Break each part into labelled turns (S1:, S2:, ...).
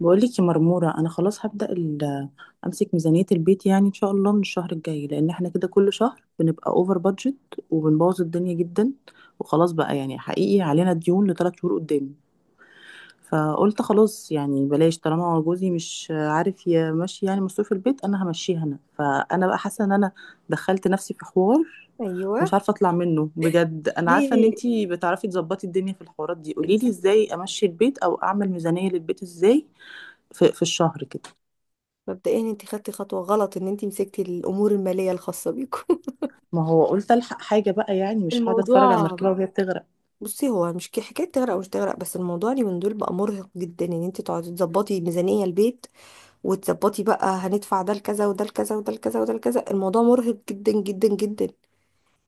S1: بقولك يا مرمورة، أنا خلاص هبدأ أمسك ميزانية البيت يعني إن شاء الله من الشهر الجاي، لأن إحنا كده كل شهر بنبقى أوفر بادجت وبنبوظ الدنيا جدا. وخلاص بقى، يعني حقيقي علينا ديون ل3 شهور قدام. فقلت خلاص يعني بلاش، طالما هو جوزي مش عارف يمشي يعني مصروف البيت أنا همشيها أنا. فأنا بقى حاسة إن أنا دخلت نفسي في حوار
S2: ايوه.
S1: مش عارفة أطلع منه بجد. أنا عارفة إن
S2: ليه؟
S1: أنتي بتعرفي تظبطي الدنيا في الحوارات دي،
S2: انت
S1: قوليلي إزاي أمشي البيت أو أعمل ميزانية للبيت إزاي في الشهر كده.
S2: مبدئيا انت خدتي خطوه غلط ان انت مسكتي الامور الماليه الخاصه بيكم.
S1: ما هو قلت الحق حاجه بقى، يعني مش هقعد اتفرج على
S2: الموضوع،
S1: المركبه وهي بتغرق.
S2: بصي هو مش حكايه تغرق او مش تغرق، بس الموضوع اليومين دول بقى مرهق جدا ان انت تقعدي تظبطي ميزانيه البيت وتظبطي بقى هندفع ده لكذا وده لكذا وده لكذا وده لكذا. الموضوع مرهق جدا جدا جدا.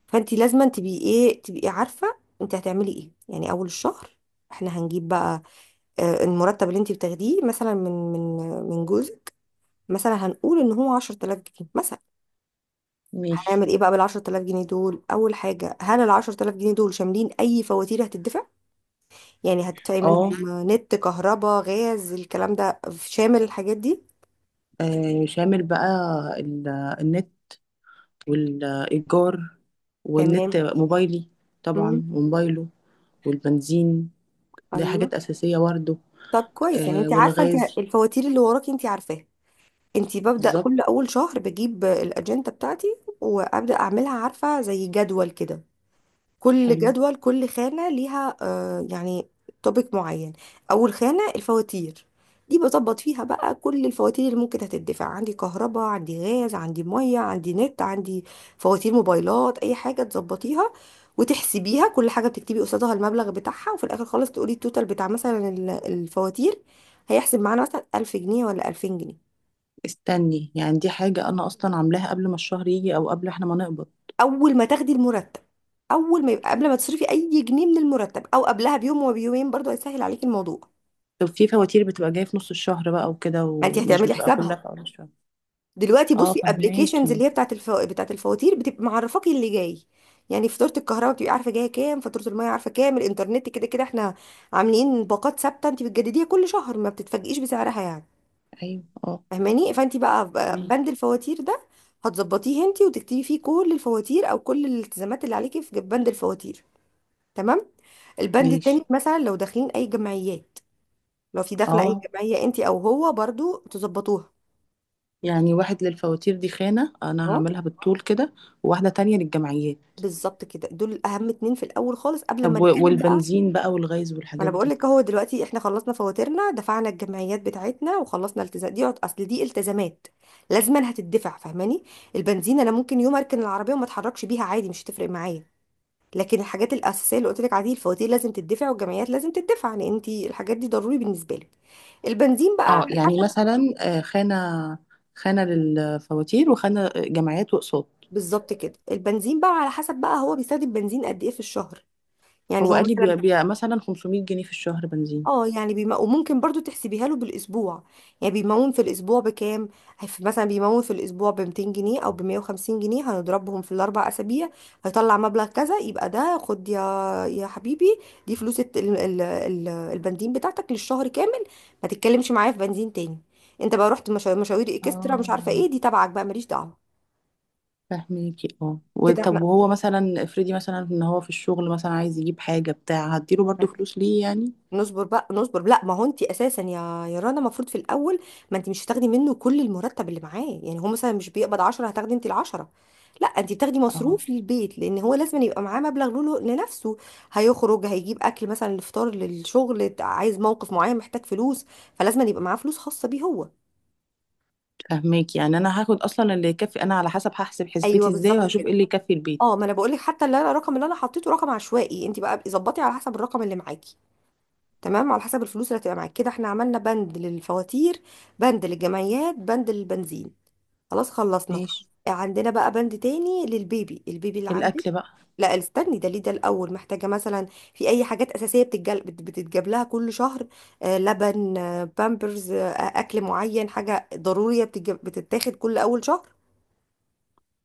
S2: فانت لازم تبقي ايه، تبقي عارفه انت هتعملي ايه يعني اول الشهر. احنا هنجيب بقى المرتب اللي انت بتاخديه مثلا من من جوزك، مثلا هنقول ان هو 10000 جنيه مثلا.
S1: ماشي.
S2: هنعمل ايه بقى بالعشرة آلاف جنيه دول؟ اول حاجة، هل العشرة آلاف جنيه دول شاملين اي فواتير هتدفع؟ يعني هتدفعي منهم
S1: اه.
S2: نت، كهرباء، غاز، الكلام ده؟ شامل الحاجات دي؟
S1: آه، شامل بقى ال- النت والايجار، والنت
S2: تمام.
S1: موبايلي، طبعا
S2: مم.
S1: وموبايله والبنزين. دي
S2: ايوه.
S1: حاجات اساسيه برضه.
S2: طب كويس، يعني
S1: آه
S2: انت عارفة، انت
S1: والغاز.
S2: الفواتير اللي وراكي انت عارفاها. انت ببدأ
S1: بالظبط.
S2: كل اول شهر بجيب الاجندة بتاعتي وابدأ اعملها، عارفة، زي جدول كده. كل
S1: حلو.
S2: جدول، كل خانة ليها يعني توبيك معين. أول خانة الفواتير، دي بظبط فيها بقى كل الفواتير اللي ممكن هتدفع. عندي كهرباء، عندي غاز، عندي مية، عندي نت، عندي فواتير موبايلات، أي حاجة تظبطيها وتحسبيها. كل حاجة بتكتبي قصادها المبلغ بتاعها، وفي الآخر خالص تقولي التوتال بتاع مثلا الفواتير، هيحسب معانا مثلا 1000 جنيه ولا 2000 جنيه.
S1: استني، يعني دي حاجه انا اصلا عاملاها قبل ما الشهر يجي او قبل احنا ما نقبض.
S2: أول ما تاخدي المرتب، أول ما يبقى، قبل ما تصرفي أي جنيه من المرتب، أو قبلها بيوم وبيومين برضو، هيسهل عليكي الموضوع.
S1: طب في فواتير بتبقى جايه في نص الشهر بقى وكده،
S2: ما انت
S1: ومش
S2: هتعملي
S1: بتبقى كلها
S2: حسابها
S1: في اول الشهر.
S2: دلوقتي.
S1: اه
S2: بصي، ابلكيشنز
S1: فهماكي.
S2: اللي هي بتاعت بتاعت الفواتير بتبقى معرفاكي اللي جاي، يعني فاتوره الكهرباء بتبقي عارفه جايه كام، فاتوره الميه عارفه كام، الانترنت كده كده احنا عاملين باقات ثابته انت بتجدديها كل شهر، ما بتتفاجئيش بسعرها يعني.
S1: ايوه. اه.
S2: فاهماني؟ فانت بقى
S1: مم.
S2: بند الفواتير ده هتظبطيه انت وتكتبي فيه كل الفواتير او كل الالتزامات اللي عليكي في بند الفواتير. تمام. البند التاني
S1: ماشي.
S2: مثلا لو داخلين اي جمعيات، لو في داخله اي
S1: اه.
S2: جمعيه انت او هو، برضو تظبطوها.
S1: يعني واحد للفواتير، دي خانة انا
S2: اه،
S1: هعملها بالطول كده، وواحدة تانية للجمعيات.
S2: بالظبط كده. دول اهم اتنين في الاول خالص قبل ما
S1: طب
S2: نتكلم بقى.
S1: والبنزين بقى والغاز
S2: ما انا
S1: والحاجات
S2: بقول
S1: دي.
S2: لك اهو، دلوقتي احنا خلصنا فواتيرنا، دفعنا الجمعيات بتاعتنا وخلصنا التزام، دي اصل دي التزامات لازما هتدفع. فاهماني؟ البنزين انا ممكن يوم اركن العربيه وما اتحركش بيها عادي، مش هتفرق معايا. لكن الحاجات الاساسيه اللي قلت لك عليه، الفواتير لازم تدفع، والجمعيات لازم تدفع، لان انت الحاجات دي ضروري بالنسبه لك. البنزين بقى
S1: اه
S2: على
S1: يعني
S2: حسب.
S1: مثلا، خانة للفواتير، وخانة، جمعيات واقساط.
S2: بالظبط كده. البنزين بقى على حسب بقى هو بيستخدم بنزين قد ايه في الشهر. يعني
S1: هو
S2: هو
S1: قال لي
S2: مثلا،
S1: بيبقى مثلا 500 جنيه في الشهر بنزين.
S2: اه يعني وممكن برضو تحسبيها له بالاسبوع. يعني بيمون في الاسبوع بكام؟ مثلا بيمون في الاسبوع ب 200 جنيه او ب 150 جنيه، هنضربهم في الاربع اسابيع، هيطلع مبلغ كذا، يبقى ده خد يا حبيبي، دي فلوس البنزين بتاعتك للشهر كامل. ما تتكلمش معايا في بنزين تاني. انت بقى رحت مشاوير اكسترا مش عارفه
S1: اه
S2: ايه، دي تبعك بقى، ماليش دعوه.
S1: فاهميكي. اه
S2: كده احنا
S1: طب وهو مثلا افرضي مثلا ان هو في الشغل مثلا عايز يجيب حاجة بتاع، هديله برضو فلوس ليه يعني.
S2: نصبر بقى، نصبر. لا، ما هو انت اساسا يا رنا المفروض في الاول، ما انت مش هتاخدي منه كل المرتب اللي معاه. يعني هو مثلا مش بيقبض 10 هتاخدي انت ال 10. لا، انت بتاخدي
S1: اه
S2: مصروف للبيت، لان هو لازم يبقى معاه مبلغ له لنفسه. هيخرج، هيجيب اكل مثلا، الفطار للشغل، عايز موقف معين، محتاج فلوس، فلازم يبقى معاه فلوس خاصه بيه هو.
S1: فهماك، يعني انا هاخد اصلا اللي يكفي، انا على حسب هحسب
S2: ايوه،
S1: حسبتي ازاي
S2: بالظبط
S1: وهشوف ايه
S2: كده.
S1: اللي يكفي
S2: اه،
S1: البيت.
S2: ما انا بقول لك حتى اللي انا الرقم اللي انا حطيته رقم عشوائي، انت بقى ظبطي على حسب الرقم اللي معاكي. تمام، على حسب الفلوس اللي هتبقى معاك. كده احنا عملنا بند للفواتير، بند للجمعيات، بند للبنزين. خلاص خلصنا.
S1: ماشي.
S2: عندنا بقى بند تاني للبيبي، البيبي اللي عندك.
S1: الاكل بقى.
S2: لا، استني، ده ليه ده؟ الاول، محتاجه مثلا في اي حاجات اساسيه بتتجاب لها كل شهر؟ آه لبن، آه بامبرز، آه اكل معين، حاجه ضروريه بتتاخد كل اول شهر.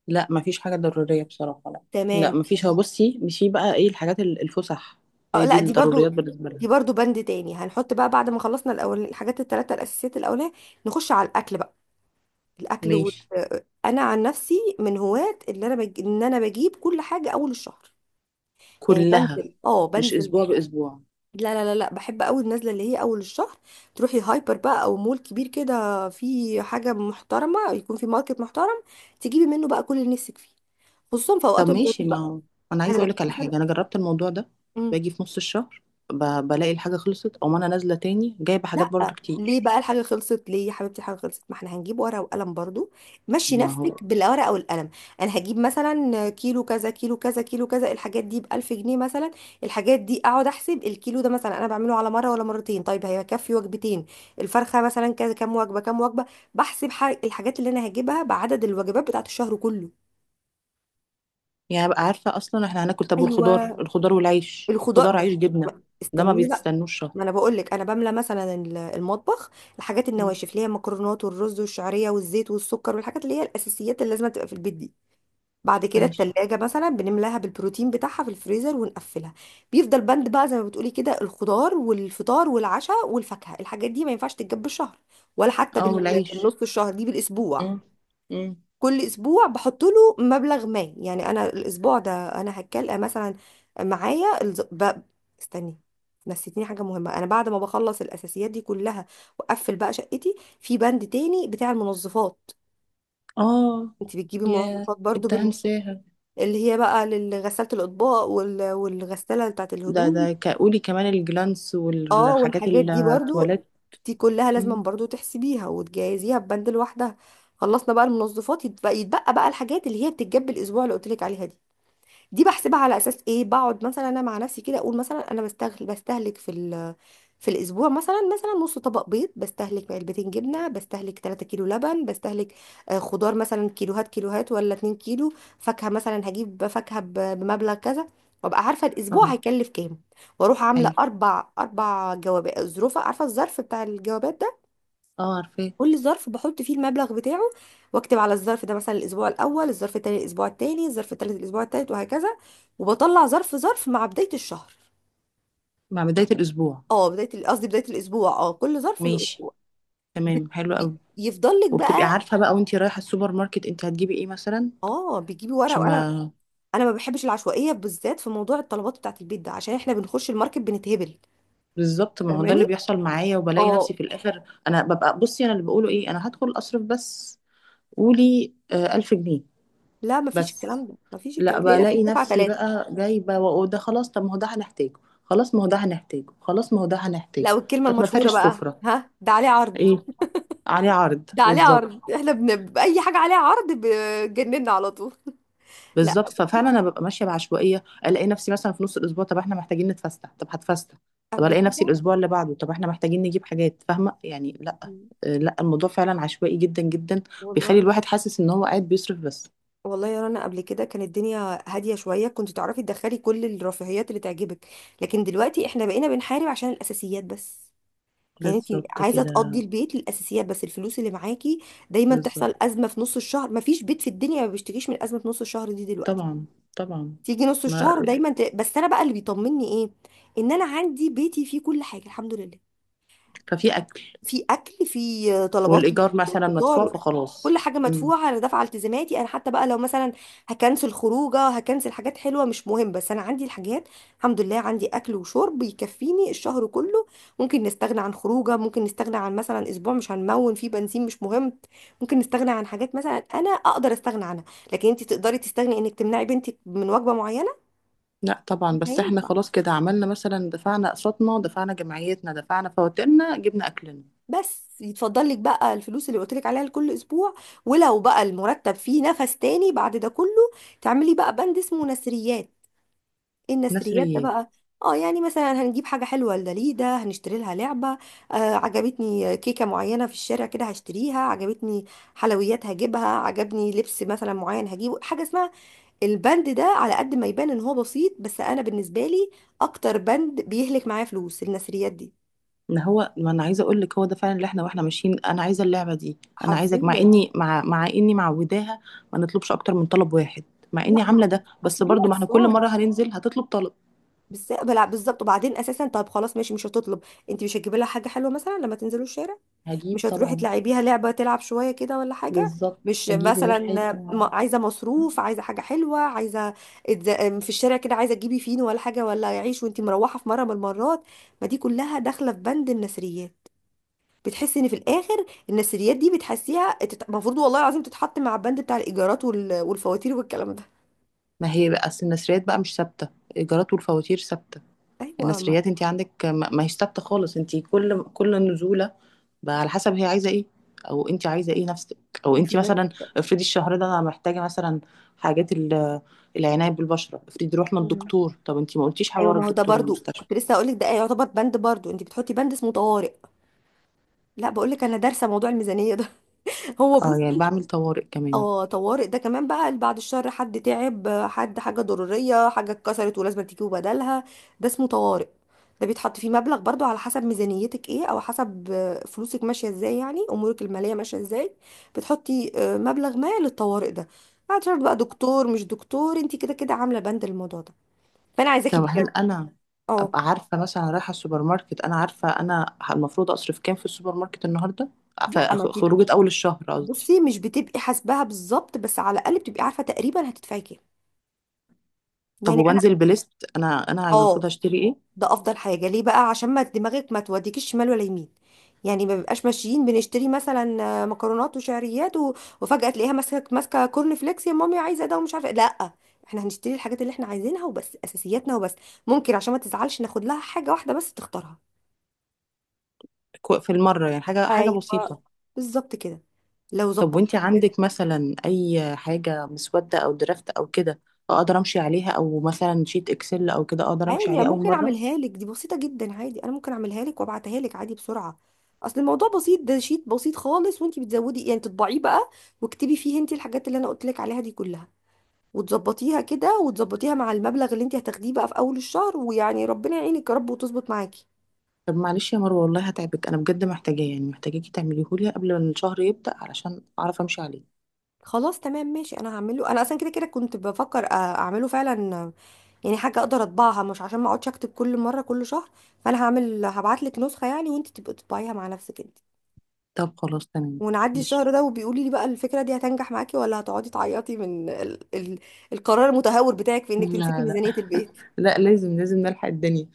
S1: لا مفيش حاجه ضروريه بصراحه، لا. لا
S2: تمام.
S1: مفيش. هو بصي، مشي بقى ايه الحاجات الفسح.
S2: اه،
S1: هي دي
S2: لا دي برضو،
S1: الضروريات بالنسبه
S2: دي
S1: لنا.
S2: برضو بند تاني هنحط بقى بعد ما خلصنا الاول الحاجات الثلاثه الاساسيات الاولانيه. نخش على الاكل بقى، الاكل
S1: ماشي.
S2: انا عن نفسي من هواة اللي انا ان انا بجيب كل حاجه اول الشهر. يعني
S1: كلها،
S2: بنزل، اه
S1: مش
S2: بنزل.
S1: اسبوع باسبوع.
S2: لا لا لا لا، بحب قوي النزله اللي هي اول الشهر. تروحي هايبر بقى او مول كبير كده، في حاجه محترمه، يكون في ماركت محترم، تجيبي منه بقى كل اللي نفسك فيه، خصوصا في
S1: طب
S2: اوقات العروض
S1: ماشي، ما
S2: بقى.
S1: هو انا
S2: انا
S1: عايزه
S2: بجيب
S1: اقولك على
S2: مثلا،
S1: حاجه، انا جربت الموضوع ده.
S2: إمم.
S1: باجي في نص الشهر، بلاقي الحاجه خلصت او انا نازله تاني جايبه حاجات برضو
S2: لا ليه
S1: كتير.
S2: بقى الحاجة خلصت؟ ليه يا حبيبتي الحاجة خلصت؟ ما احنا هنجيب ورقة وقلم برضو، مشي
S1: ما
S2: نفسك
S1: هو،
S2: بالورقة والقلم. انا هجيب مثلا كيلو كذا، كيلو كذا، كيلو كذا، الحاجات دي بألف جنيه مثلا. الحاجات دي اقعد احسب الكيلو ده مثلا انا بعمله على مرة ولا مرتين، طيب هيكفي وجبتين؟ الفرخة مثلا كذا، كام وجبة كام وجبة؟ بحسب الحاجات اللي انا هجيبها بعدد الوجبات بتاعت الشهر كله.
S1: يعني ابقى عارفه اصلا احنا هناكل. طب
S2: ايوه.
S1: والخضار، الخضار والعيش،
S2: الخضار
S1: خضار
S2: ده-
S1: عيش جبنه. ده ما
S2: استنيني بقى.
S1: بيتستنوش شهر.
S2: ما انا بقول لك انا بملى مثلا المطبخ، الحاجات
S1: مم.
S2: النواشف اللي هي المكرونات والرز والشعريه والزيت والسكر والحاجات اللي هي الاساسيات اللي لازم تبقى في البيت دي. بعد كده
S1: ماشي.
S2: التلاجة مثلا بنملاها بالبروتين بتاعها في الفريزر ونقفلها. بيفضل بند بقى زي ما بتقولي كده، الخضار والفطار والعشاء والفاكهه، الحاجات دي ما ينفعش تتجاب بالشهر ولا حتى
S1: اه والعيش.
S2: بالنص الشهر، دي بالاسبوع.
S1: مم. مم.
S2: كل اسبوع بحط له مبلغ ما. يعني انا الاسبوع ده، انا هتكلم مثلا، معايا استني، نسيتني حاجه مهمه. انا بعد ما بخلص الاساسيات دي كلها واقفل بقى شقتي، في بند تاني بتاع المنظفات.
S1: اه.
S2: انت بتجيبي
S1: يا
S2: منظفات برضو
S1: كنت هنساها.
S2: اللي هي بقى لغساله الاطباق والغساله بتاعت
S1: ده
S2: الهدوم.
S1: ده قولي كمان الجلانس
S2: اه،
S1: والحاجات
S2: والحاجات دي برضو،
S1: التواليت.
S2: دي كلها لازم
S1: مم.
S2: برضو تحسبيها وتجهزيها ببند لوحدها. خلصنا بقى المنظفات، يتبقى بقى الحاجات اللي هي بتتجاب الاسبوع اللي قلت لك عليها دي. دي بحسبها على اساس ايه؟ بقعد مثلا انا مع نفسي كده اقول مثلا انا بستهلك، في في الاسبوع مثلا نص طبق بيض، بستهلك علبتين جبنه، بستهلك 3 كيلو لبن، بستهلك خضار مثلا كيلوهات ولا 2 كيلو، فاكهه مثلا هجيب فاكهه بمبلغ كذا، وابقى عارفه الاسبوع
S1: اه.
S2: هيكلف كام. واروح عامله
S1: ايوه.
S2: اربع اربع جوابات، ظروف، عارفه الظرف بتاع الجوابات ده،
S1: اه عارفاه.
S2: كل ظرف بحط فيه المبلغ بتاعه، واكتب على الظرف ده مثلا الاسبوع الاول، الظرف التاني الاسبوع التاني، الظرف التالت الاسبوع التالت، وهكذا. وبطلع ظرف ظرف مع بداية الشهر.
S1: مع بداية الأسبوع.
S2: اه بداية قصدي بداية الاسبوع، اه كل ظرف له
S1: ماشي.
S2: اسبوع.
S1: تمام حلو قوي.
S2: يفضل لك
S1: وبتبقي
S2: بقى.
S1: عارفة بقى وانتي رايحة السوبر ماركت، انت هتجيبي ايه مثلا؟
S2: اه، بتجيبي ورقة
S1: عشان
S2: وقلم.
S1: ما.
S2: انا ما بحبش العشوائية بالذات في موضوع الطلبات بتاعت البيت ده، عشان احنا بنخش الماركت بنتهبل.
S1: بالظبط، ما هو ده اللي
S2: فاهماني؟
S1: بيحصل معايا، وبلاقي نفسي
S2: اه.
S1: في الاخر انا ببقى بصي، انا اللي بقوله ايه، انا هدخل اصرف بس. قولي آه 1000 جنيه
S2: لا ما فيش
S1: بس.
S2: الكلام ده، ما فيش
S1: لا
S2: الكلام ده هنا في
S1: بلاقي
S2: الدفعة
S1: نفسي
S2: ثلاثة.
S1: بقى جايبه، وده خلاص طب ما هو ده هنحتاجه، خلاص ما هو ده هنحتاجه، خلاص ما هو ده هنحتاجه.
S2: لا، والكلمة
S1: طب ما
S2: المشهورة
S1: فرش
S2: بقى،
S1: سفره.
S2: ها ده عليه عرض.
S1: ايه. عليه عرض.
S2: ده عليه
S1: بالظبط.
S2: عرض، احنا بأي حاجة عليها عرض بجننا على طول. لا،
S1: بالظبط، ففعلا انا ببقى ماشيه بعشوائيه، الاقي نفسي مثلا في نص الاسبوع، طب احنا محتاجين نتفسح، طب هتفسح. طب
S2: قبل
S1: الاقي نفسي
S2: كده.
S1: الاسبوع اللي بعده، طب احنا محتاجين نجيب حاجات، فاهمه يعني. لا.
S2: مم.
S1: لا الموضوع فعلا عشوائي جدا جدا. بيخلي
S2: والله.
S1: الواحد حاسس ان هو قاعد بيصرف بس.
S2: والله يا رنا، قبل كده كانت الدنيا هادية شوية، كنت تعرفي تدخلي كل الرفاهيات اللي تعجبك، لكن دلوقتي احنا بقينا بنحارب عشان الأساسيات بس. يعني انت
S1: بالظبط
S2: عايزة تقضي
S1: كده.
S2: البيت للأساسيات بس الفلوس اللي معاكي. دايما تحصل
S1: بالظبط.
S2: أزمة في نص الشهر، مفيش بيت في الدنيا ما بيشتكيش من أزمة في نص الشهر دي دلوقتي.
S1: طبعا. طبعا.
S2: تيجي نص
S1: ما.
S2: الشهر دايما بس انا بقى اللي بيطمني ايه، ان انا عندي بيتي فيه كل حاجة الحمد لله.
S1: ففي اكل.
S2: في اكل، في طلبات من
S1: والايجار مثلا مدفوع
S2: الفطار، كل
S1: فخلاص.
S2: حاجه
S1: مم.
S2: مدفوعه، انا دافعه التزاماتي. انا حتى بقى لو مثلا هكنسل خروجه، هكنسل حاجات حلوه، مش مهم، بس انا عندي الحاجات. الحمد لله عندي اكل وشرب يكفيني الشهر كله. ممكن نستغنى عن خروجه، ممكن نستغنى عن مثلا اسبوع مش هنمون فيه بنزين، مش مهم. ممكن نستغنى عن حاجات مثلا انا اقدر استغنى عنها، لكن انت تقدري تستغني انك تمنعي بنتك من وجبه معينه؟
S1: لا
S2: مش
S1: طبعا، بس احنا
S2: هينفع.
S1: خلاص كده عملنا، مثلا دفعنا اقساطنا، دفعنا جمعيتنا، دفعنا فواتيرنا، جبنا اكلنا.
S2: بس يتفضل لك بقى الفلوس اللي قلت لك عليها لكل اسبوع. ولو بقى المرتب فيه نفس تاني بعد ده كله، تعملي بقى بند اسمه نسريات. ايه
S1: ناس
S2: النسريات ده
S1: ريال.
S2: بقى؟ اه، يعني مثلا هنجيب حاجه حلوه لداليدا، هنشتري لها لعبه، آه عجبتني كيكه معينه في الشارع كده هشتريها، عجبتني حلويات هجيبها، عجبني لبس مثلا معين هجيبه. حاجه اسمها البند ده، على قد ما يبان ان هو بسيط، بس انا بالنسبه لي اكتر بند بيهلك معايا فلوس النسريات دي.
S1: ما هو، ما انا عايزه اقول لك هو ده فعلا اللي احنا واحنا ماشيين، انا عايزه اللعبه دي. انا عايزك، مع
S2: حرفيا.
S1: اني مع اني معوداها ما نطلبش اكتر من طلب واحد، مع اني
S2: لا
S1: عامله
S2: ما
S1: ده بس
S2: اصل دول
S1: برضو ما احنا كل
S2: اطفال.
S1: مره هننزل هتطلب طلب.
S2: بس، بلا، بالظبط. وبعدين اساسا طب خلاص ماشي مش هتطلب. انت مش هتجيبي لها حاجه حلوه مثلا لما تنزلوا الشارع؟
S1: هجيب
S2: مش هتروحي
S1: طبعا.
S2: تلعبيها لعبه تلعب شويه كده ولا حاجه؟
S1: بالظبط.
S2: مش
S1: هجيب
S2: مثلا
S1: ومش هيبقى.
S2: عايزه مصروف، عايزه حاجه حلوه، عايزه، في الشارع كده عايزه تجيبي فينو ولا حاجه ولا عيش وانت مروحه في مره من المرات؟ ما دي كلها داخله في بند النثريات. بتحسي ان في الاخر النثريات دي بتحسيها المفروض والله العظيم تتحط مع البند بتاع الايجارات والفواتير والكلام ده.
S1: ما هي بقى اصل النسريات بقى مش ثابته، الايجارات والفواتير ثابته،
S2: ايوه ما
S1: النثريات انت عندك ما هيش ثابته خالص، انت كل نزوله بقى على حسب هي عايزه ايه، او انت عايزه ايه نفسك، او
S2: انت
S1: انت
S2: بس.
S1: مثلا افرضي الشهر ده انا محتاجه مثلا حاجات العنايه بالبشره، افرضي رحنا الدكتور، طب انت ما قلتيش
S2: ايوه
S1: حوار
S2: ما هو ده
S1: الدكتور
S2: برضو
S1: والمستشفى.
S2: كنت لسه هقول لك، ده يعتبر بند برضو، انت بتحطي بند اسمه طوارئ. لا بقول لك انا دارسه موضوع الميزانيه ده. هو
S1: اه
S2: بص،
S1: يعني بعمل طوارئ كمان.
S2: اه طوارئ ده كمان بقى، اللي بعد الشر حد تعب، حد حاجه ضروريه، حاجه اتكسرت ولازم تجيبوا بدلها، ده اسمه طوارئ. ده بيتحط فيه مبلغ برضو على حسب ميزانيتك ايه، او حسب فلوسك ماشيه ازاي، يعني امورك الماليه ماشيه ازاي. بتحطي مبلغ ما للطوارئ ده، بعد شر بقى دكتور مش دكتور، انت كده كده عامله بند الموضوع ده. فانا عايزاكي
S1: طب
S2: بجد.
S1: هل انا
S2: اه.
S1: ابقى عارفه مثلا رايحه السوبر ماركت انا عارفه انا المفروض اصرف كام في السوبر ماركت النهارده. ف-
S2: لا ما انت،
S1: خروجه اول الشهر قصدي.
S2: بصي مش بتبقي حاسباها بالظبط، بس على الاقل بتبقي عارفه تقريبا هتدفعي كام.
S1: طب
S2: يعني انا،
S1: وبنزل بليست، انا المفروض
S2: اه،
S1: هشتري ايه.
S2: ده افضل حاجه ليه بقى، عشان ما دماغك ما توديكيش شمال ولا يمين. يعني ما بيبقاش ماشيين بنشتري مثلا مكرونات وشعريات وفجاه تلاقيها ماسكه كورن فليكس، يا مامي عايزه ده ومش عارفه إيه. لا، احنا هنشتري الحاجات اللي احنا عايزينها وبس، اساسياتنا وبس. ممكن عشان ما تزعلش ناخد لها حاجه واحده بس تختارها.
S1: في المرة يعني حاجة، حاجة
S2: ايوه،
S1: بسيطة.
S2: بالظبط كده. لو
S1: طب
S2: ظبطت،
S1: وانتي عندك مثلا أي حاجة مسودة أو درافت أو كده أقدر أمشي عليها، أو مثلا شيت إكسل أو كده أقدر
S2: عادي
S1: أمشي
S2: أنا
S1: عليه أول
S2: ممكن
S1: مرة؟
S2: اعملها لك، دي بسيطة جدا، عادي انا ممكن اعملها لك وابعتها لك عادي بسرعة. اصل الموضوع بسيط، ده شيت بسيط خالص، وانتي بتزودي يعني تطبعيه بقى واكتبي فيه انتي الحاجات اللي انا قلت لك عليها دي كلها، وتظبطيها كده، وتظبطيها مع المبلغ اللي انتي هتاخديه بقى في اول الشهر، ويعني ربنا يعينك يا رب وتظبط معاكي.
S1: طب معلش يا مروة، والله هتعبك، أنا بجد محتاجاه يعني محتاجاكي تعمليهولي قبل ما الشهر يبدأ علشان أعرف أمشي عليه.
S2: خلاص تمام ماشي، انا هعمله، انا اصلا كده كده كنت بفكر اعمله فعلا، يعني حاجة اقدر اطبعها، مش عشان ما اقعدش اكتب كل مرة كل شهر. فانا هعمل، هبعت لك نسخة يعني، وانتي تبقي تطبعيها مع نفسك انتي.
S1: طب خلاص تمام.
S2: ونعدي
S1: ماشي.
S2: الشهر ده وبيقولي لي بقى الفكرة دي هتنجح معاكي، ولا هتقعدي تعيطي من القرار المتهور بتاعك في انك
S1: لا.
S2: تمسكي
S1: لا.
S2: ميزانية البيت؟
S1: لا لازم، لازم نلحق الدنيا.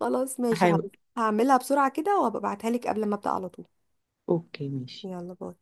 S2: خلاص ماشي،
S1: أحاول.
S2: هعملها بسرعة كده وهبقى ابعتها لك قبل ما ابدأ على طول.
S1: أوكي ماشي.
S2: يلا باي.